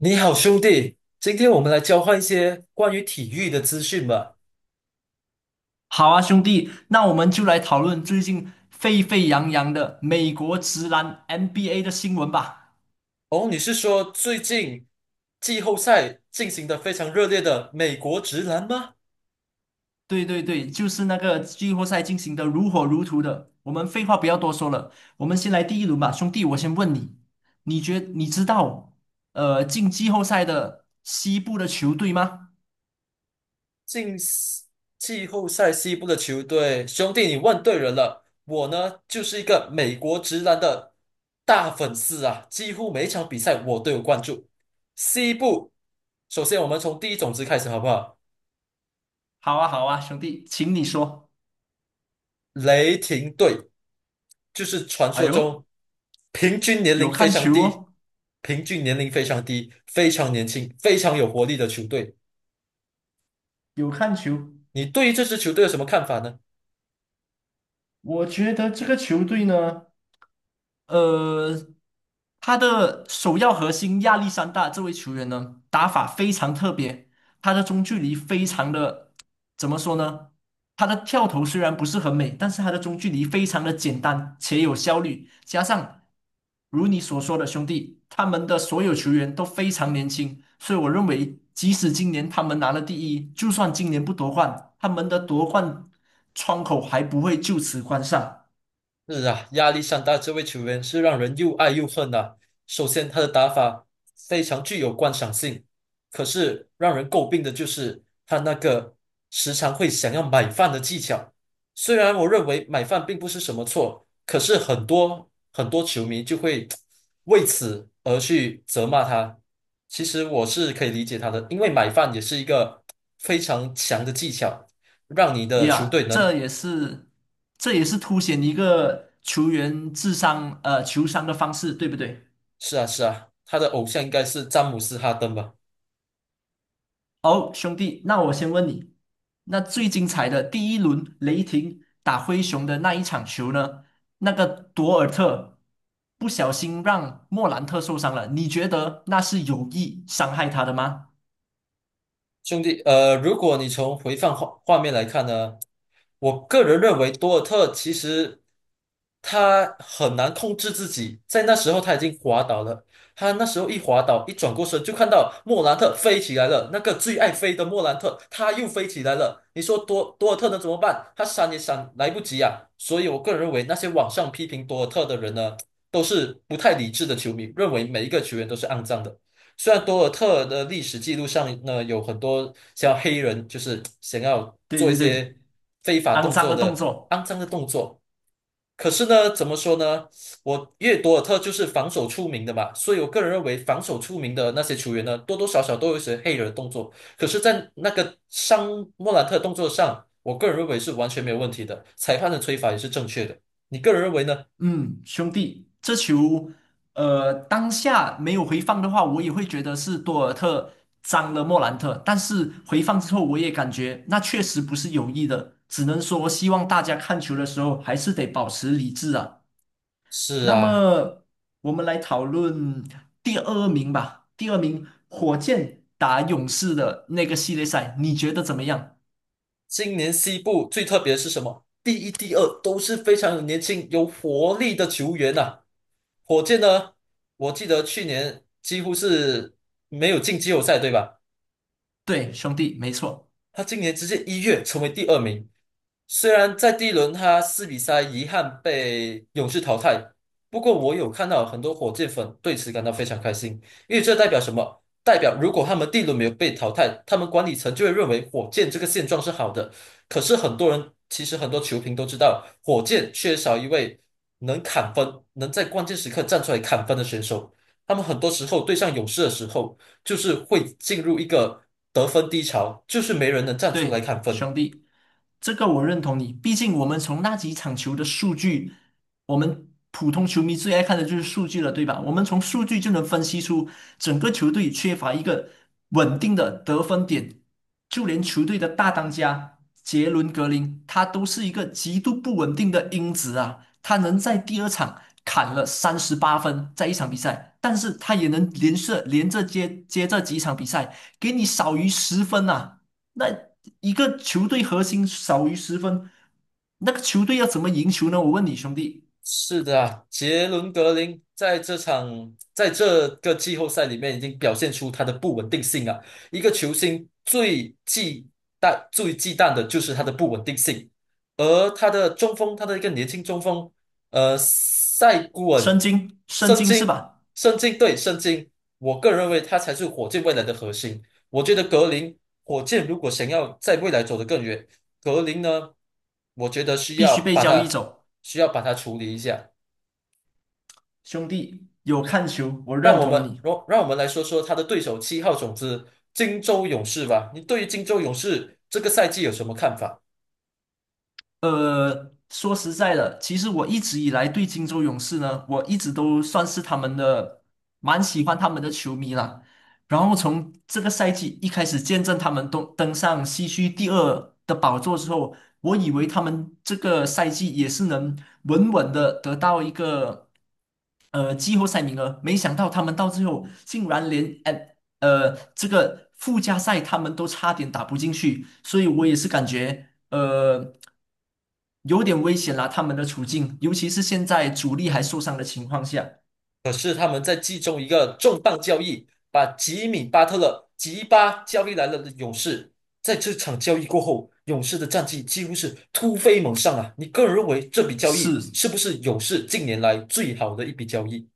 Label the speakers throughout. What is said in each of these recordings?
Speaker 1: 你好，兄弟，今天我们来交换一些关于体育的资讯吧。
Speaker 2: 好啊，兄弟，那我们就来讨论最近沸沸扬扬的美国职篮 NBA 的新闻吧。
Speaker 1: 哦，你是说最近季后赛进行的非常热烈的美国直男吗？
Speaker 2: 对对对，就是那个季后赛进行的如火如荼的。我们废话不要多说了，我们先来第一轮吧，兄弟，我先问你，你知道进季后赛的西部的球队吗？
Speaker 1: 进西季后赛西部的球队，兄弟，你问对人了。我呢，就是一个美国直男的大粉丝啊，几乎每一场比赛我都有关注。西部，首先我们从第一种子开始好不好？
Speaker 2: 好啊，好啊，兄弟，请你说。
Speaker 1: 雷霆队。就是传
Speaker 2: 哎
Speaker 1: 说
Speaker 2: 呦，
Speaker 1: 中平均年
Speaker 2: 有
Speaker 1: 龄非
Speaker 2: 看
Speaker 1: 常
Speaker 2: 球
Speaker 1: 低，
Speaker 2: 哦，
Speaker 1: 平均年龄非常低，非常年轻，非常有活力的球队。
Speaker 2: 有看球。
Speaker 1: 你对于这支球队有什么看法呢？
Speaker 2: 我觉得这个球队呢。呃，他的首要核心亚历山大这位球员呢，打法非常特别，他的中距离非常的，怎么说呢？他的跳投虽然不是很美，但是他的中距离非常的简单且有效率，加上如你所说的兄弟，他们的所有球员都非常年轻，所以我认为，即使今年他们拿了第一，就算今年不夺冠，他们的夺冠窗口还不会就此关上。
Speaker 1: 是啊，亚历山大这位球员是让人又爱又恨呐。首先，他的打法非常具有观赏性，可是让人诟病的就是他那个时常会想要买饭的技巧。虽然我认为买饭并不是什么错，可是很多很多球迷就会为此而去责骂他。其实我是可以理解他的，因为买饭也是一个非常强的技巧，让你的球
Speaker 2: 呀，
Speaker 1: 队能
Speaker 2: 这也是凸显一个球员智商球商的方式，对不对？
Speaker 1: 是啊，是啊，他的偶像应该是詹姆斯·哈登吧。
Speaker 2: 哦，兄弟，那我先问你，那最精彩的第一轮雷霆打灰熊的那一场球呢？那个多尔特不小心让莫兰特受伤了，你觉得那是有意伤害他的吗？
Speaker 1: 兄弟，如果你从回放画面来看呢，我个人认为多尔特其实他很难控制自己，在那时候他已经滑倒了，他那时候一滑倒，一转过身就看到莫兰特飞起来了，那个最爱飞的莫兰特，他又飞起来了。你说多尔特能怎么办？他闪也闪来不及啊。所以我个人认为那些网上批评多尔特的人呢，都是不太理智的球迷，认为每一个球员都是肮脏的。虽然多尔特的历史记录上呢，有很多像黑人，就是想要
Speaker 2: 对
Speaker 1: 做一
Speaker 2: 对对，
Speaker 1: 些非法
Speaker 2: 肮
Speaker 1: 动
Speaker 2: 脏
Speaker 1: 作
Speaker 2: 的动
Speaker 1: 的
Speaker 2: 作。
Speaker 1: 肮脏的动作，可是呢，怎么说呢？我因为多尔特就是防守出名的嘛，所以我个人认为防守出名的那些球员呢，多多少少都有一些黑人的动作。可是，在那个伤莫兰特动作上，我个人认为是完全没有问题的，裁判的吹罚也是正确的。你个人认为呢？
Speaker 2: 嗯，兄弟，这球，当下没有回放的话，我也会觉得是多尔特脏了莫兰特。但是回放之后，我也感觉那确实不是有意的，只能说希望大家看球的时候还是得保持理智啊。
Speaker 1: 是
Speaker 2: 那
Speaker 1: 啊。
Speaker 2: 么我们来讨论第二名吧，第二名火箭打勇士的那个系列赛，你觉得怎么样？
Speaker 1: 今年西部最特别的是什么？第一、第二都是非常年轻、有活力的球员呐。火箭呢，我记得去年几乎是没有进季后赛，对吧？
Speaker 2: 对，兄弟，没错。
Speaker 1: 他今年直接一跃成为第二名。虽然在第一轮他四比三遗憾被勇士淘汰，不过我有看到很多火箭粉对此感到非常开心，因为这代表什么？代表如果他们第一轮没有被淘汰，他们管理层就会认为火箭这个现状是好的。可是很多人，其实很多球评都知道，火箭缺少一位能砍分、能在关键时刻站出来砍分的选手。他们很多时候对上勇士的时候。就是会进入一个得分低潮，就是没人能站出来
Speaker 2: 对，
Speaker 1: 砍分。
Speaker 2: 兄弟，这个我认同你。毕竟我们从那几场球的数据，我们普通球迷最爱看的就是数据了，对吧？我们从数据就能分析出整个球队缺乏一个稳定的得分点，就连球队的大当家杰伦格林，他都是一个极度不稳定的因子啊。他能在第二场砍了38分，在一场比赛，但是他也能连着接这几场比赛，给你少于十分呐、那一个球队核心少于十分，那个球队要怎么赢球呢？我问你兄弟，
Speaker 1: 是的啊，杰伦格林在这个季后赛里面已经表现出他的不稳定性啊。一个球星最忌惮、最忌惮的就是他的不稳定性，而他的中锋，他的一个年轻中锋，塞古
Speaker 2: 申
Speaker 1: 恩、
Speaker 2: 京，申
Speaker 1: 圣
Speaker 2: 京是
Speaker 1: 经、
Speaker 2: 吧？
Speaker 1: 圣经对圣经，我个人认为他才是火箭未来的核心。我觉得格林，火箭如果想要在未来走得更远，格林呢，我觉得需
Speaker 2: 必须
Speaker 1: 要
Speaker 2: 被
Speaker 1: 把
Speaker 2: 交易
Speaker 1: 它
Speaker 2: 走，
Speaker 1: 需要把它处理一下。
Speaker 2: 兄弟有看球，我
Speaker 1: 让
Speaker 2: 认
Speaker 1: 我
Speaker 2: 同
Speaker 1: 们
Speaker 2: 你。
Speaker 1: 让让我们来说说他的对手七号种子金州勇士吧。你对于金州勇士这个赛季有什么看法？
Speaker 2: 说实在的，其实我一直以来对金州勇士呢，我一直都算是他们的蛮喜欢他们的球迷啦。然后从这个赛季一开始见证他们登上西区第二的宝座之后，我以为他们这个赛季也是能稳稳的得到一个季后赛名额，没想到他们到最后竟然连这个附加赛他们都差点打不进去，所以我也是感觉。有点危险啦，他们的处境，尤其是现在主力还受伤的情况下，
Speaker 1: 可是他们在季中一个重磅交易，把吉米巴特勒吉巴交易来了的勇士。在这场交易过后，勇士的战绩几乎是突飞猛上啊！你个人认为这笔交易
Speaker 2: 是。
Speaker 1: 是不是勇士近年来最好的一笔交易？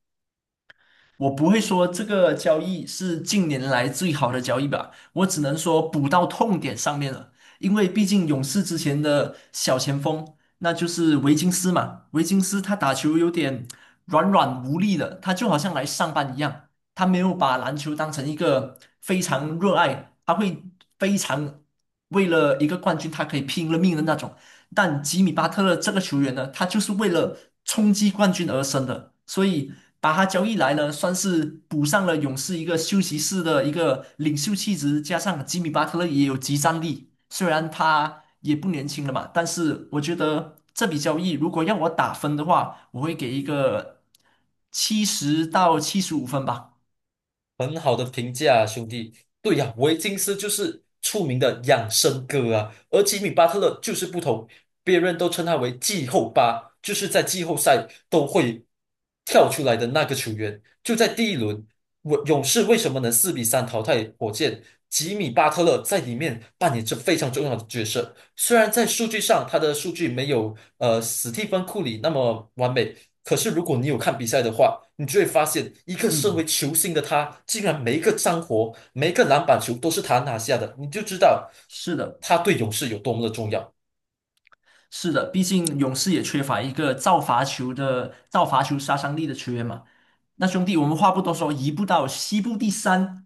Speaker 2: 我不会说这个交易是近年来最好的交易吧，我只能说补到痛点上面了，因为毕竟勇士之前的小前锋，那就是维金斯嘛，维金斯他打球有点软软无力的，他就好像来上班一样，他没有把篮球当成一个非常热爱，他会非常为了一个冠军，他可以拼了命的那种。但吉米巴特勒这个球员呢，他就是为了冲击冠军而生的，所以把他交易来呢，算是补上了勇士一个休息室的一个领袖气质，加上吉米巴特勒也有集战力，虽然他也不年轻了嘛，但是我觉得这笔交易如果让我打分的话，我会给一个70到75分吧。
Speaker 1: 很好的评价啊，兄弟。对呀。维金斯就是出名的养生哥啊，而吉米巴特勒就是不同，别人都称他为季后巴，就是在季后赛都会跳出来的那个球员。就在第一轮，我勇士为什么能四比三淘汰火箭？吉米巴特勒在里面扮演着非常重要的角色。虽然在数据上他的数据没有史蒂芬库里那么完美，可是如果你有看比赛的话，你就会发现，一个身为
Speaker 2: 嗯，
Speaker 1: 球星的他，竟然每一个脏活、每一个篮板球都是他拿下的，你就知道
Speaker 2: 是的，
Speaker 1: 他对勇士有多么的重要。
Speaker 2: 是的，毕竟勇士也缺乏一个造罚球的造罚球杀伤力的球员嘛。那兄弟，我们话不多说，移步到西部第三。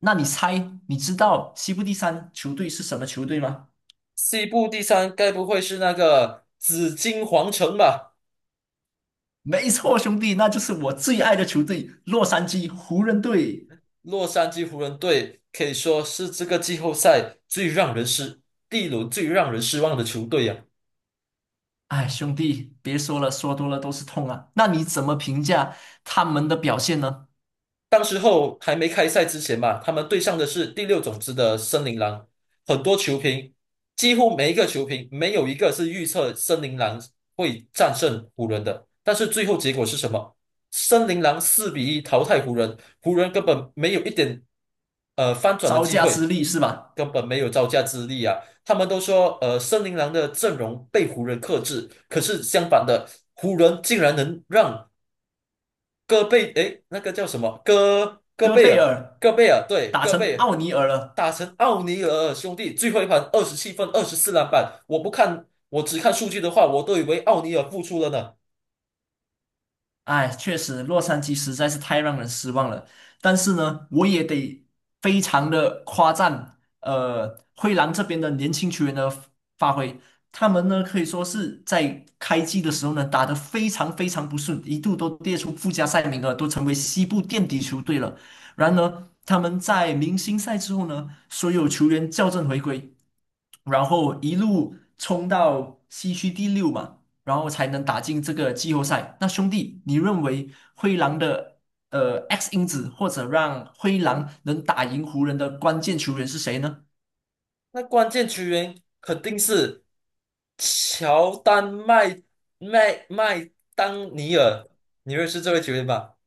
Speaker 2: 那你猜，你知道西部第三球队是什么球队吗？
Speaker 1: 西部第三，该不会是那个紫金皇城吧？
Speaker 2: 没错，兄弟，那就是我最爱的球队——洛杉矶湖人队。
Speaker 1: 洛杉矶湖人队可以说是这个季后赛最让人失第一轮最让人失望的球队呀。
Speaker 2: 哎，兄弟，别说了，说多了都是痛啊。那你怎么评价他们的表现呢？
Speaker 1: 当时候还没开赛之前嘛，他们对上的是第六种子的森林狼，很多球评几乎每一个球评没有一个是预测森林狼会战胜湖人的，但是最后结果是什么？森林狼4-1淘汰湖人，湖人根本没有一点翻转的
Speaker 2: 招
Speaker 1: 机
Speaker 2: 架之
Speaker 1: 会，
Speaker 2: 力是吧？
Speaker 1: 根本没有招架之力啊！他们都说森林狼的阵容被湖人克制，可是相反的，湖人竟然能让戈贝，诶，那个叫什么？戈戈
Speaker 2: 戈
Speaker 1: 贝
Speaker 2: 贝
Speaker 1: 尔，
Speaker 2: 尔
Speaker 1: 戈贝尔，对，
Speaker 2: 打
Speaker 1: 戈
Speaker 2: 成
Speaker 1: 贝尔
Speaker 2: 奥尼尔了。
Speaker 1: 打成奥尼尔兄弟，最后一盘27分，24篮板。我不看，我只看数据的话，我都以为奥尼尔复出了呢。
Speaker 2: 哎，确实，洛杉矶实在是太让人失望了。但是呢，我也得非常的夸赞，灰狼这边的年轻球员的发挥，他们呢可以说是在开季的时候呢打得非常非常不顺，一度都跌出附加赛名额，都成为西部垫底球队了。然而，他们在明星赛之后呢，所有球员校正回归，然后一路冲到西区第六嘛。然后才能打进这个季后赛。那兄弟，你认为灰狼的X 因子或者让灰狼能打赢湖人的关键球员是谁呢？
Speaker 1: 那关键球员肯定是乔丹麦麦当尼尔，你认识这位球员吧？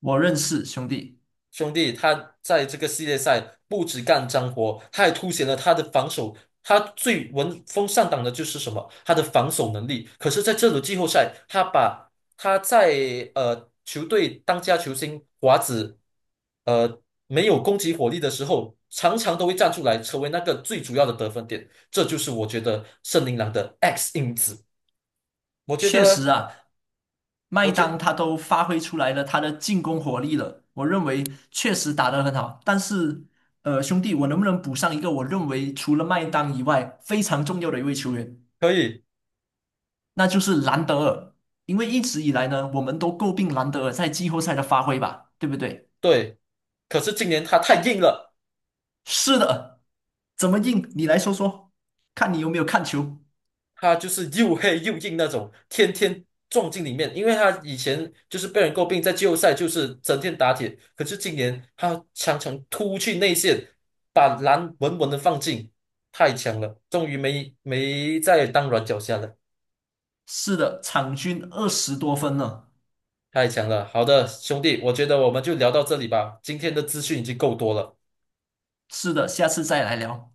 Speaker 2: 我认识兄弟，
Speaker 1: 兄弟，他在这个系列赛不止干脏活，他还凸显了他的防守。他最闻风丧胆的就是什么？他的防守能力。可是，在这轮季后赛，他把他在球队当家球星华子，呃没有攻击火力的时候，常常都会站出来，成为那个最主要的得分点。这就是我觉得圣琳狼的 X 因子。我觉
Speaker 2: 确实
Speaker 1: 得，
Speaker 2: 啊，麦
Speaker 1: 我
Speaker 2: 当
Speaker 1: 觉
Speaker 2: 他都发挥出来了他的进攻火力了，我认为确实打得很好。但是兄弟，我能不能补上一个我认为除了麦当以外非常重要的一位球员，
Speaker 1: 可以，
Speaker 2: 那就是兰德尔。因为一直以来呢，我们都诟病兰德尔在季后赛的发挥吧，对不对？
Speaker 1: 对。可是今年他太硬了。
Speaker 2: 是的，怎么硬？你来说说，看你有没有看球。
Speaker 1: 他就是又黑又硬那种，天天撞进里面。因为他以前就是被人诟病，在季后赛就是整天打铁，可是今年他常常突去内线，把篮稳稳的放进，太强了，终于没再当软脚虾了，
Speaker 2: 是的，场均20多分呢。
Speaker 1: 太强了。好的，兄弟，我觉得我们就聊到这里吧，今天的资讯已经够多了。
Speaker 2: 是的，下次再来聊。